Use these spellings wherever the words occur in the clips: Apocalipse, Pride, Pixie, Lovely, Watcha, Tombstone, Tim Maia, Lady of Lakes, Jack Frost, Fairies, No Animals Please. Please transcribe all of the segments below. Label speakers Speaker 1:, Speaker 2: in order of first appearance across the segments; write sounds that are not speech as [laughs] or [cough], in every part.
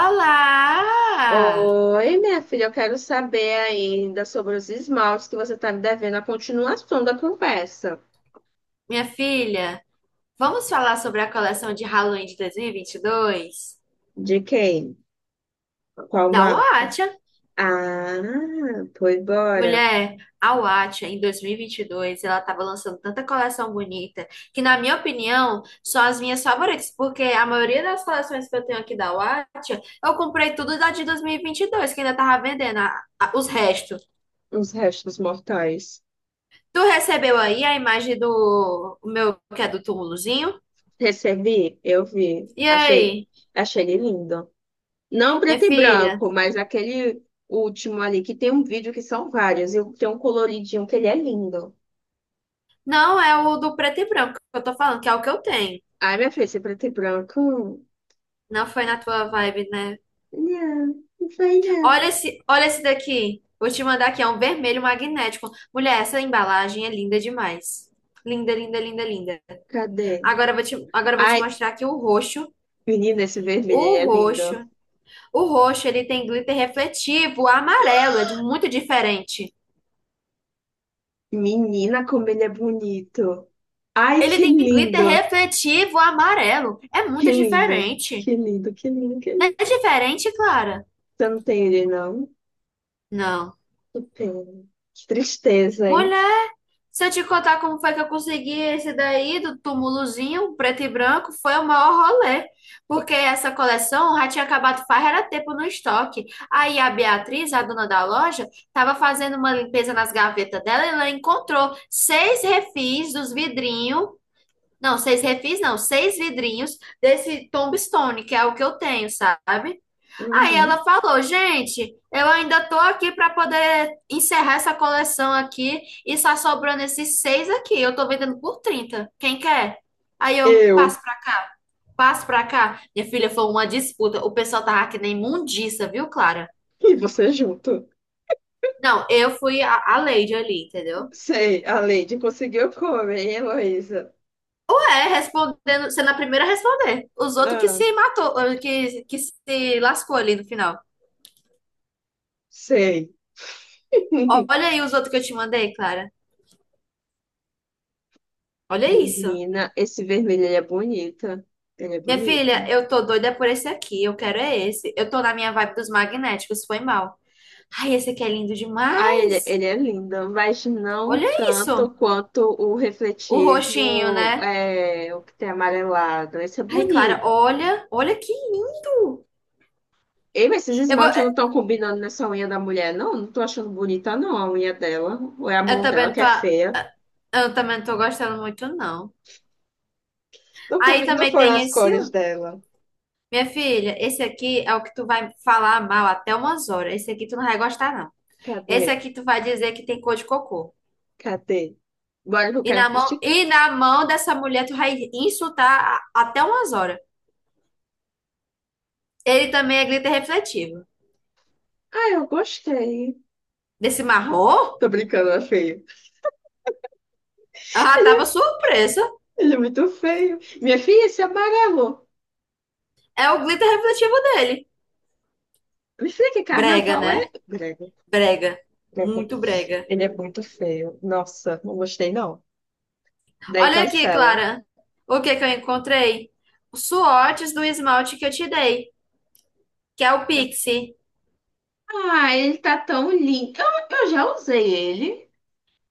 Speaker 1: Olá,
Speaker 2: Oi, minha filha, eu quero saber ainda sobre os esmaltes que você está me devendo a continuação da conversa.
Speaker 1: minha filha. Vamos falar sobre a coleção de Halloween de dois mil e vinte e dois
Speaker 2: De quem? Qual
Speaker 1: da
Speaker 2: marca?
Speaker 1: Watcha.
Speaker 2: Ah, foi embora.
Speaker 1: Mulher, a Watcha em dois mil e vinte e dois, ela estava lançando tanta coleção bonita que, na minha opinião, são as minhas favoritas, porque a maioria das coleções que eu tenho aqui da Watcha, eu comprei tudo da de dois mil e vinte e dois. Que ainda tava vendendo os restos.
Speaker 2: Os restos mortais.
Speaker 1: Tu recebeu aí a imagem do o meu, que é do túmulozinho?
Speaker 2: Recebi, eu vi.
Speaker 1: E
Speaker 2: Achei,
Speaker 1: aí,
Speaker 2: achei ele lindo. Não preto
Speaker 1: minha
Speaker 2: e
Speaker 1: filha?
Speaker 2: branco, mas aquele último ali que tem um vídeo que são vários e tem um coloridinho que ele é lindo.
Speaker 1: Não, é o do preto e branco que eu tô falando, que é o que eu tenho.
Speaker 2: Ai, minha filha, esse preto e branco.
Speaker 1: Não foi na tua vibe, né?
Speaker 2: Não, não foi não.
Speaker 1: Olha esse daqui. Vou te mandar aqui, é um vermelho magnético. Mulher, essa embalagem é linda demais. Linda, linda, linda, linda.
Speaker 2: Cadê?
Speaker 1: Agora eu vou te
Speaker 2: Ai,
Speaker 1: mostrar aqui o roxo.
Speaker 2: menina, esse vermelho aí
Speaker 1: O
Speaker 2: é lindo.
Speaker 1: roxo. O roxo, ele tem glitter refletivo amarelo, é muito diferente.
Speaker 2: Menina, como ele é bonito. Ai,
Speaker 1: Ele
Speaker 2: que
Speaker 1: tem glitter
Speaker 2: lindo.
Speaker 1: refletivo amarelo. É
Speaker 2: Que
Speaker 1: muito
Speaker 2: lindo.
Speaker 1: diferente.
Speaker 2: Que lindo, que lindo, que
Speaker 1: Não é
Speaker 2: lindo.
Speaker 1: diferente, Clara?
Speaker 2: Você não tem ele, não?
Speaker 1: Não.
Speaker 2: Que pena. Que tristeza, hein?
Speaker 1: Mulher. Se eu te contar como foi que eu consegui esse daí do túmulozinho, preto e branco, foi o maior rolê. Porque essa coleção já tinha acabado faz era tempo no estoque. Aí a Beatriz, a dona da loja, estava fazendo uma limpeza nas gavetas dela e ela encontrou seis refis dos vidrinhos. Não, seis refis não, seis vidrinhos desse Tombstone, que é o que eu tenho, sabe? Aí
Speaker 2: Uhum.
Speaker 1: ela falou, gente, eu ainda tô aqui para poder encerrar essa coleção aqui e só sobrando esses seis aqui. Eu tô vendendo por 30. Quem quer? Aí eu
Speaker 2: Eu
Speaker 1: passo pra, passo pra cá. Minha filha, foi uma disputa. O pessoal tava que nem imundiça, viu, Clara?
Speaker 2: e você junto.
Speaker 1: Não, eu fui a lady ali, entendeu?
Speaker 2: Sei, a Lady conseguiu comer, hein, Heloísa?
Speaker 1: Ué, respondendo, sendo a primeira a responder. Os outros que
Speaker 2: Ah,
Speaker 1: se matou, que se lascou ali no final.
Speaker 2: sei. [laughs]
Speaker 1: Olha aí os outros que eu te mandei, Clara. Olha isso.
Speaker 2: Menina, esse vermelho ele é bonito. Ele é
Speaker 1: Minha filha,
Speaker 2: bonito.
Speaker 1: eu tô doida por esse aqui. Eu quero é esse. Eu tô na minha vibe dos magnéticos, foi mal. Ai, esse aqui é lindo
Speaker 2: Ah, ele,
Speaker 1: demais.
Speaker 2: ele é lindo, mas não
Speaker 1: Olha
Speaker 2: tanto
Speaker 1: isso.
Speaker 2: quanto o
Speaker 1: O roxinho,
Speaker 2: refletivo,
Speaker 1: né?
Speaker 2: é, o que tem amarelado. Esse é
Speaker 1: Ai, Clara,
Speaker 2: bonito.
Speaker 1: olha. Olha que lindo.
Speaker 2: Ei, mas esses
Speaker 1: Eu vou,
Speaker 2: esmaltes não estão combinando nessa unha da mulher, não? Não tô achando bonita, não, a unha dela. Ou é a
Speaker 1: eu
Speaker 2: mão dela
Speaker 1: também
Speaker 2: que
Speaker 1: tô,
Speaker 2: é
Speaker 1: a-
Speaker 2: feia.
Speaker 1: eu também não tô gostando muito, não.
Speaker 2: Não,
Speaker 1: Aí
Speaker 2: não
Speaker 1: também
Speaker 2: foram
Speaker 1: tem
Speaker 2: as
Speaker 1: esse,
Speaker 2: cores
Speaker 1: ó.
Speaker 2: dela.
Speaker 1: Minha filha, esse aqui é o que tu vai falar mal até umas horas. Esse aqui tu não vai gostar, não.
Speaker 2: Cadê?
Speaker 1: Esse aqui tu vai dizer que tem cor de cocô.
Speaker 2: Cadê? Bora que eu
Speaker 1: E
Speaker 2: quero
Speaker 1: na mão,
Speaker 2: criticar.
Speaker 1: e na mão dessa mulher tu vai insultar até umas horas. Ele também é glitter refletivo.
Speaker 2: Ah, eu gostei.
Speaker 1: Desse marrom,
Speaker 2: Tô brincando, é feio.
Speaker 1: ela tava surpresa.
Speaker 2: Ele é muito feio. Minha filha, esse amarelo.
Speaker 1: É o glitter refletivo dele.
Speaker 2: Me filha, que
Speaker 1: Brega,
Speaker 2: carnaval
Speaker 1: né?
Speaker 2: é?
Speaker 1: Brega. Muito brega.
Speaker 2: Ele é muito feio. Nossa, não gostei não. Daí
Speaker 1: Olha aqui,
Speaker 2: cancela.
Speaker 1: Clara. O que que eu encontrei? Os Swatches do esmalte que eu te dei, que é o Pixie.
Speaker 2: Ah, ele tá tão lindo. Eu já usei ele.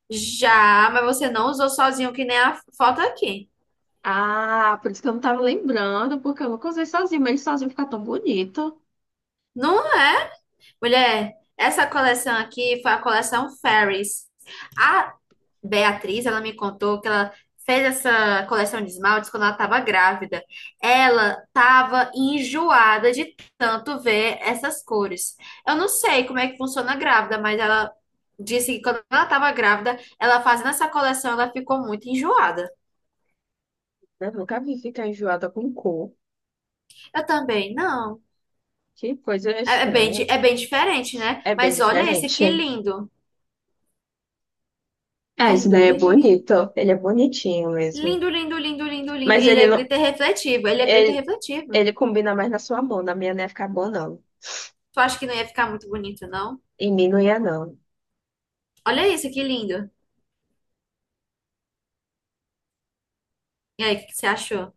Speaker 1: Já, mas você não usou sozinho, que nem a foto aqui.
Speaker 2: Ah, por isso que eu não tava lembrando, porque eu nunca usei sozinho, mas ele sozinho fica tão bonito.
Speaker 1: Não é? Mulher, essa coleção aqui foi a coleção Fairies. A, Beatriz, ela me contou que ela fez essa coleção de esmaltes quando ela estava grávida. Ela estava enjoada de tanto ver essas cores. Eu não sei como é que funciona grávida, mas ela disse que quando ela estava grávida, ela fazendo essa coleção, ela ficou muito enjoada.
Speaker 2: Eu nunca vi ficar enjoada com cor.
Speaker 1: Eu também, não.
Speaker 2: Que coisa
Speaker 1: É é bem,
Speaker 2: estranha.
Speaker 1: di- é bem diferente, né?
Speaker 2: É bem
Speaker 1: Mas olha esse
Speaker 2: diferente.
Speaker 1: aqui lindo.
Speaker 2: É, isso
Speaker 1: Lindo,
Speaker 2: daí é
Speaker 1: lindo, lindo.
Speaker 2: bonito. Ele é bonitinho mesmo.
Speaker 1: Lindo, lindo, lindo, lindo, lindo. E
Speaker 2: Mas
Speaker 1: ele
Speaker 2: ele
Speaker 1: é
Speaker 2: não.
Speaker 1: glitter refletivo. Ele é glitter
Speaker 2: Ele,
Speaker 1: refletivo.
Speaker 2: ele combina mais na sua mão. Na minha não ia ficar bom, não.
Speaker 1: Tu acha que não ia ficar muito bonito, não?
Speaker 2: Em mim não ia, não.
Speaker 1: Olha isso, que lindo. E aí, o que que você achou?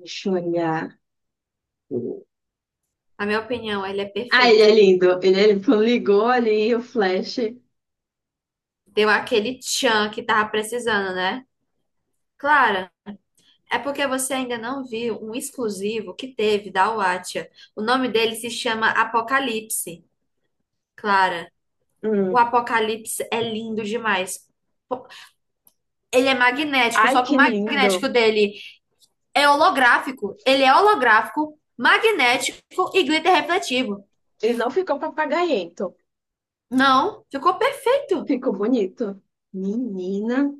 Speaker 2: Deixa eu olhar.
Speaker 1: Na minha opinião, ele é
Speaker 2: Ah, ele é
Speaker 1: perfeito.
Speaker 2: lindo. Ele é lindo. Quando ligou ali o flash.
Speaker 1: Deu aquele tchan que tava precisando, né? Clara, é porque você ainda não viu um exclusivo que teve da Watcha. O nome dele se chama Apocalipse. Clara, o
Speaker 2: Hum.
Speaker 1: Apocalipse é lindo demais. Po- Ele é magnético,
Speaker 2: Ai,
Speaker 1: só que o
Speaker 2: que
Speaker 1: magnético
Speaker 2: lindo.
Speaker 1: dele é holográfico. Ele é holográfico, magnético e glitter refletivo.
Speaker 2: Ele não ficou papagaiento.
Speaker 1: Não, ficou perfeito.
Speaker 2: Ficou bonito. Menina,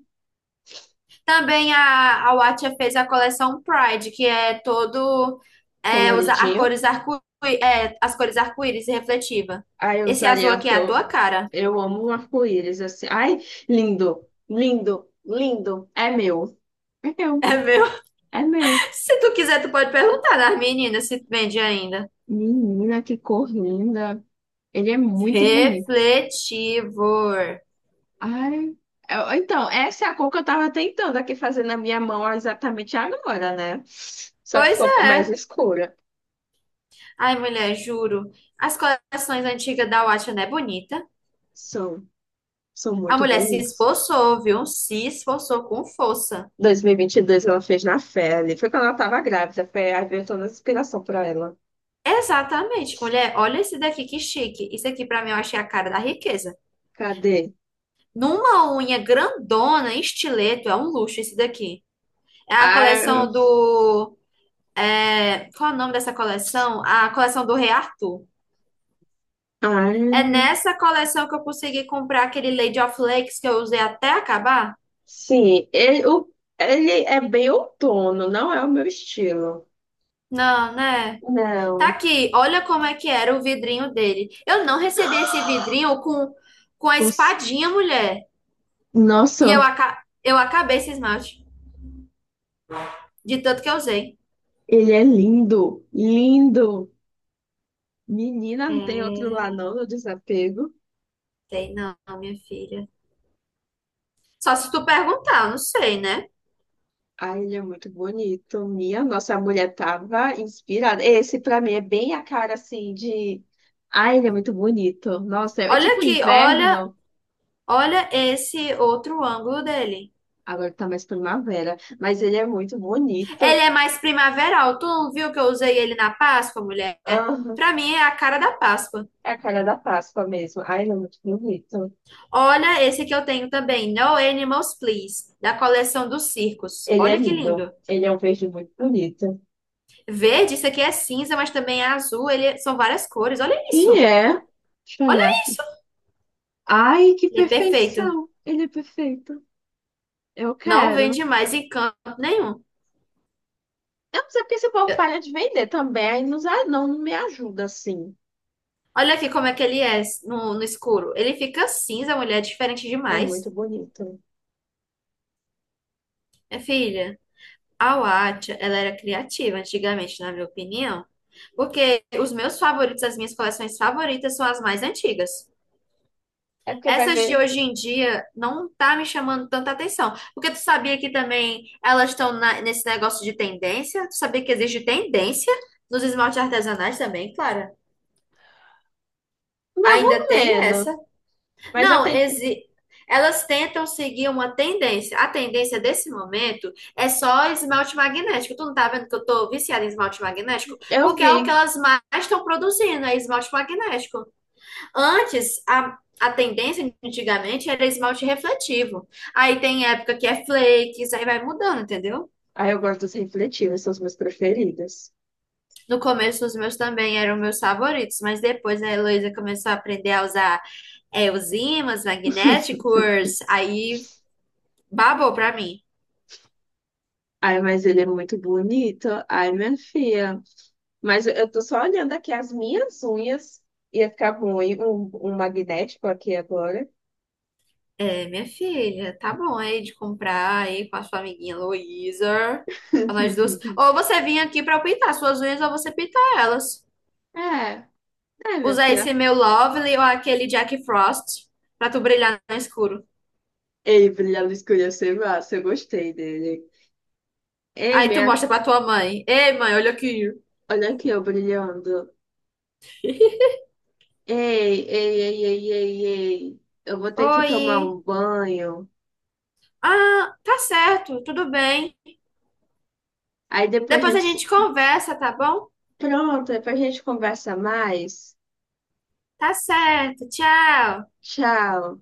Speaker 1: Também a Watcha fez a coleção Pride, que é todo é, os, a
Speaker 2: coloridinho.
Speaker 1: cores arco, é, as cores arco-íris e refletiva.
Speaker 2: Ai, eu
Speaker 1: Esse azul
Speaker 2: usaria,
Speaker 1: aqui
Speaker 2: porque
Speaker 1: é a tua cara.
Speaker 2: eu amo o arco-íris, assim. Ai, lindo, lindo, lindo. É meu. É meu,
Speaker 1: É meu.
Speaker 2: é meu.
Speaker 1: [laughs] Se tu quiser, tu pode perguntar das meninas se vende ainda.
Speaker 2: Menina, que cor linda. Ele é muito bonito.
Speaker 1: Refletivor.
Speaker 2: Ai, eu- então, essa é a cor que eu tava tentando aqui fazer na minha mão exatamente agora, né? Só que
Speaker 1: Pois
Speaker 2: ficou mais
Speaker 1: é.
Speaker 2: escura.
Speaker 1: Ai, mulher, juro. As coleções antigas da Watcha não é bonita.
Speaker 2: São, são
Speaker 1: A
Speaker 2: muito
Speaker 1: mulher se
Speaker 2: bonitos.
Speaker 1: esforçou, viu? Se esforçou com força.
Speaker 2: 2022 ela fez na pele. Foi quando ela tava grávida. Foi, aí veio toda a inspiração pra ela.
Speaker 1: Exatamente, mulher. Olha esse daqui que chique. Isso aqui pra mim eu achei a cara da riqueza.
Speaker 2: Cadê?
Speaker 1: Numa unha grandona, em estileto, é um luxo esse daqui. É a
Speaker 2: Ai,
Speaker 1: coleção do. Qual é o nome dessa coleção? A coleção do Rei Arthur. É
Speaker 2: ai,
Speaker 1: nessa coleção que eu consegui comprar aquele Lady of Lakes que eu usei até acabar?
Speaker 2: sim. Ele, ele é bem outono, não é o meu estilo.
Speaker 1: Não, né? Tá
Speaker 2: Não.
Speaker 1: aqui. Olha como é que era o vidrinho dele. Eu não recebi esse vidrinho com a
Speaker 2: Nossa,
Speaker 1: espadinha, mulher.
Speaker 2: nossa,
Speaker 1: Eu acabei esse esmalte. De tanto que eu usei.
Speaker 2: ele é lindo, lindo. Menina, não tem outro
Speaker 1: É,
Speaker 2: lá não, no desapego.
Speaker 1: sei não, minha filha. Só se tu perguntar, eu não sei, né?
Speaker 2: Ai, ele é muito bonito. Minha nossa, a mulher tava inspirada. Esse pra mim é bem a cara assim de. Ai, ele é muito bonito. Nossa, é, é
Speaker 1: Olha
Speaker 2: tipo
Speaker 1: aqui, olha,
Speaker 2: inverno.
Speaker 1: olha esse outro ângulo dele.
Speaker 2: Agora tá mais primavera, mas ele é muito
Speaker 1: Ele
Speaker 2: bonito.
Speaker 1: é mais primaveral. Tu não viu que eu usei ele na Páscoa, mulher?
Speaker 2: Aham.
Speaker 1: Pra mim é a cara da Páscoa.
Speaker 2: É a cara da Páscoa mesmo. Ai, ele é muito bonito.
Speaker 1: Olha esse que eu tenho também, No Animals Please, da coleção dos circos.
Speaker 2: Ele é
Speaker 1: Olha que
Speaker 2: lindo.
Speaker 1: lindo.
Speaker 2: Ele é um verde muito bonito.
Speaker 1: Verde, isso aqui é cinza, mas também é azul. São várias cores. Olha
Speaker 2: E
Speaker 1: isso.
Speaker 2: é. Deixa eu
Speaker 1: Olha
Speaker 2: olhar aqui.
Speaker 1: isso.
Speaker 2: Ai, que
Speaker 1: Ele é perfeito.
Speaker 2: perfeição! Ele é perfeito. Eu
Speaker 1: Não
Speaker 2: quero.
Speaker 1: vende mais em canto nenhum.
Speaker 2: Eu não sei porque esse povo falha de vender também, aí não, não me ajuda assim.
Speaker 1: Olha aqui como é que ele é no escuro. Ele fica cinza, a mulher é diferente
Speaker 2: É muito
Speaker 1: demais.
Speaker 2: bonito.
Speaker 1: Minha filha, a Watcha, ela era criativa antigamente, na minha opinião. Porque os meus favoritos, as minhas coleções favoritas são as mais antigas.
Speaker 2: É porque vai
Speaker 1: Essas
Speaker 2: ver
Speaker 1: de hoje em dia não tá me chamando tanta atenção. Porque tu sabia que também elas estão nesse negócio de tendência? Tu sabia que existe tendência nos esmaltes artesanais também, Clara?
Speaker 2: mais
Speaker 1: Ainda
Speaker 2: ou
Speaker 1: tem
Speaker 2: menos,
Speaker 1: essa.
Speaker 2: mas eu
Speaker 1: Não,
Speaker 2: tenho...
Speaker 1: elas tentam seguir uma tendência. A tendência desse momento é só esmalte magnético. Tu não tá vendo que eu tô viciada em esmalte magnético?
Speaker 2: eu
Speaker 1: Porque é o que
Speaker 2: vi.
Speaker 1: elas mais estão produzindo, é esmalte magnético. Antes, a tendência antigamente era esmalte refletivo. Aí tem época que é flakes, aí vai mudando, entendeu?
Speaker 2: Aí eu gosto dos refletivos, são os meus preferidos.
Speaker 1: No começo, os meus também eram meus favoritos, mas depois a Heloísa começou a aprender a usar os ímãs
Speaker 2: [laughs]
Speaker 1: magnéticos, aí babou pra mim.
Speaker 2: Ai, mas ele é muito bonito. Ai, minha filha. Mas eu tô só olhando aqui as minhas unhas. Ia ficar bom, hein? Um magnético aqui agora.
Speaker 1: É, minha filha, tá bom aí de comprar aí com a sua amiguinha Luísa. Pra nós duas. Ou
Speaker 2: [laughs]
Speaker 1: você vinha aqui pra eu pintar suas unhas ou você pintar elas.
Speaker 2: É, é, minha
Speaker 1: Usar esse
Speaker 2: filha.
Speaker 1: meu Lovely ou aquele Jack Frost pra tu brilhar no escuro.
Speaker 2: Ei, brilhar no escuro ia ser massa. Eu gostei dele. Ei,
Speaker 1: Aí tu
Speaker 2: minha...
Speaker 1: mostra pra tua mãe. Ei, mãe, olha aqui.
Speaker 2: Olha aqui, eu brilhando. Ei, ei, ei, ei, ei, ei. Eu vou ter que tomar
Speaker 1: Oi.
Speaker 2: um banho.
Speaker 1: Ah, tá certo, tudo bem.
Speaker 2: Aí depois a
Speaker 1: Depois a
Speaker 2: gente
Speaker 1: gente conversa, tá bom?
Speaker 2: Pronto, depois a gente conversa mais.
Speaker 1: Tá certo, tchau.
Speaker 2: Tchau.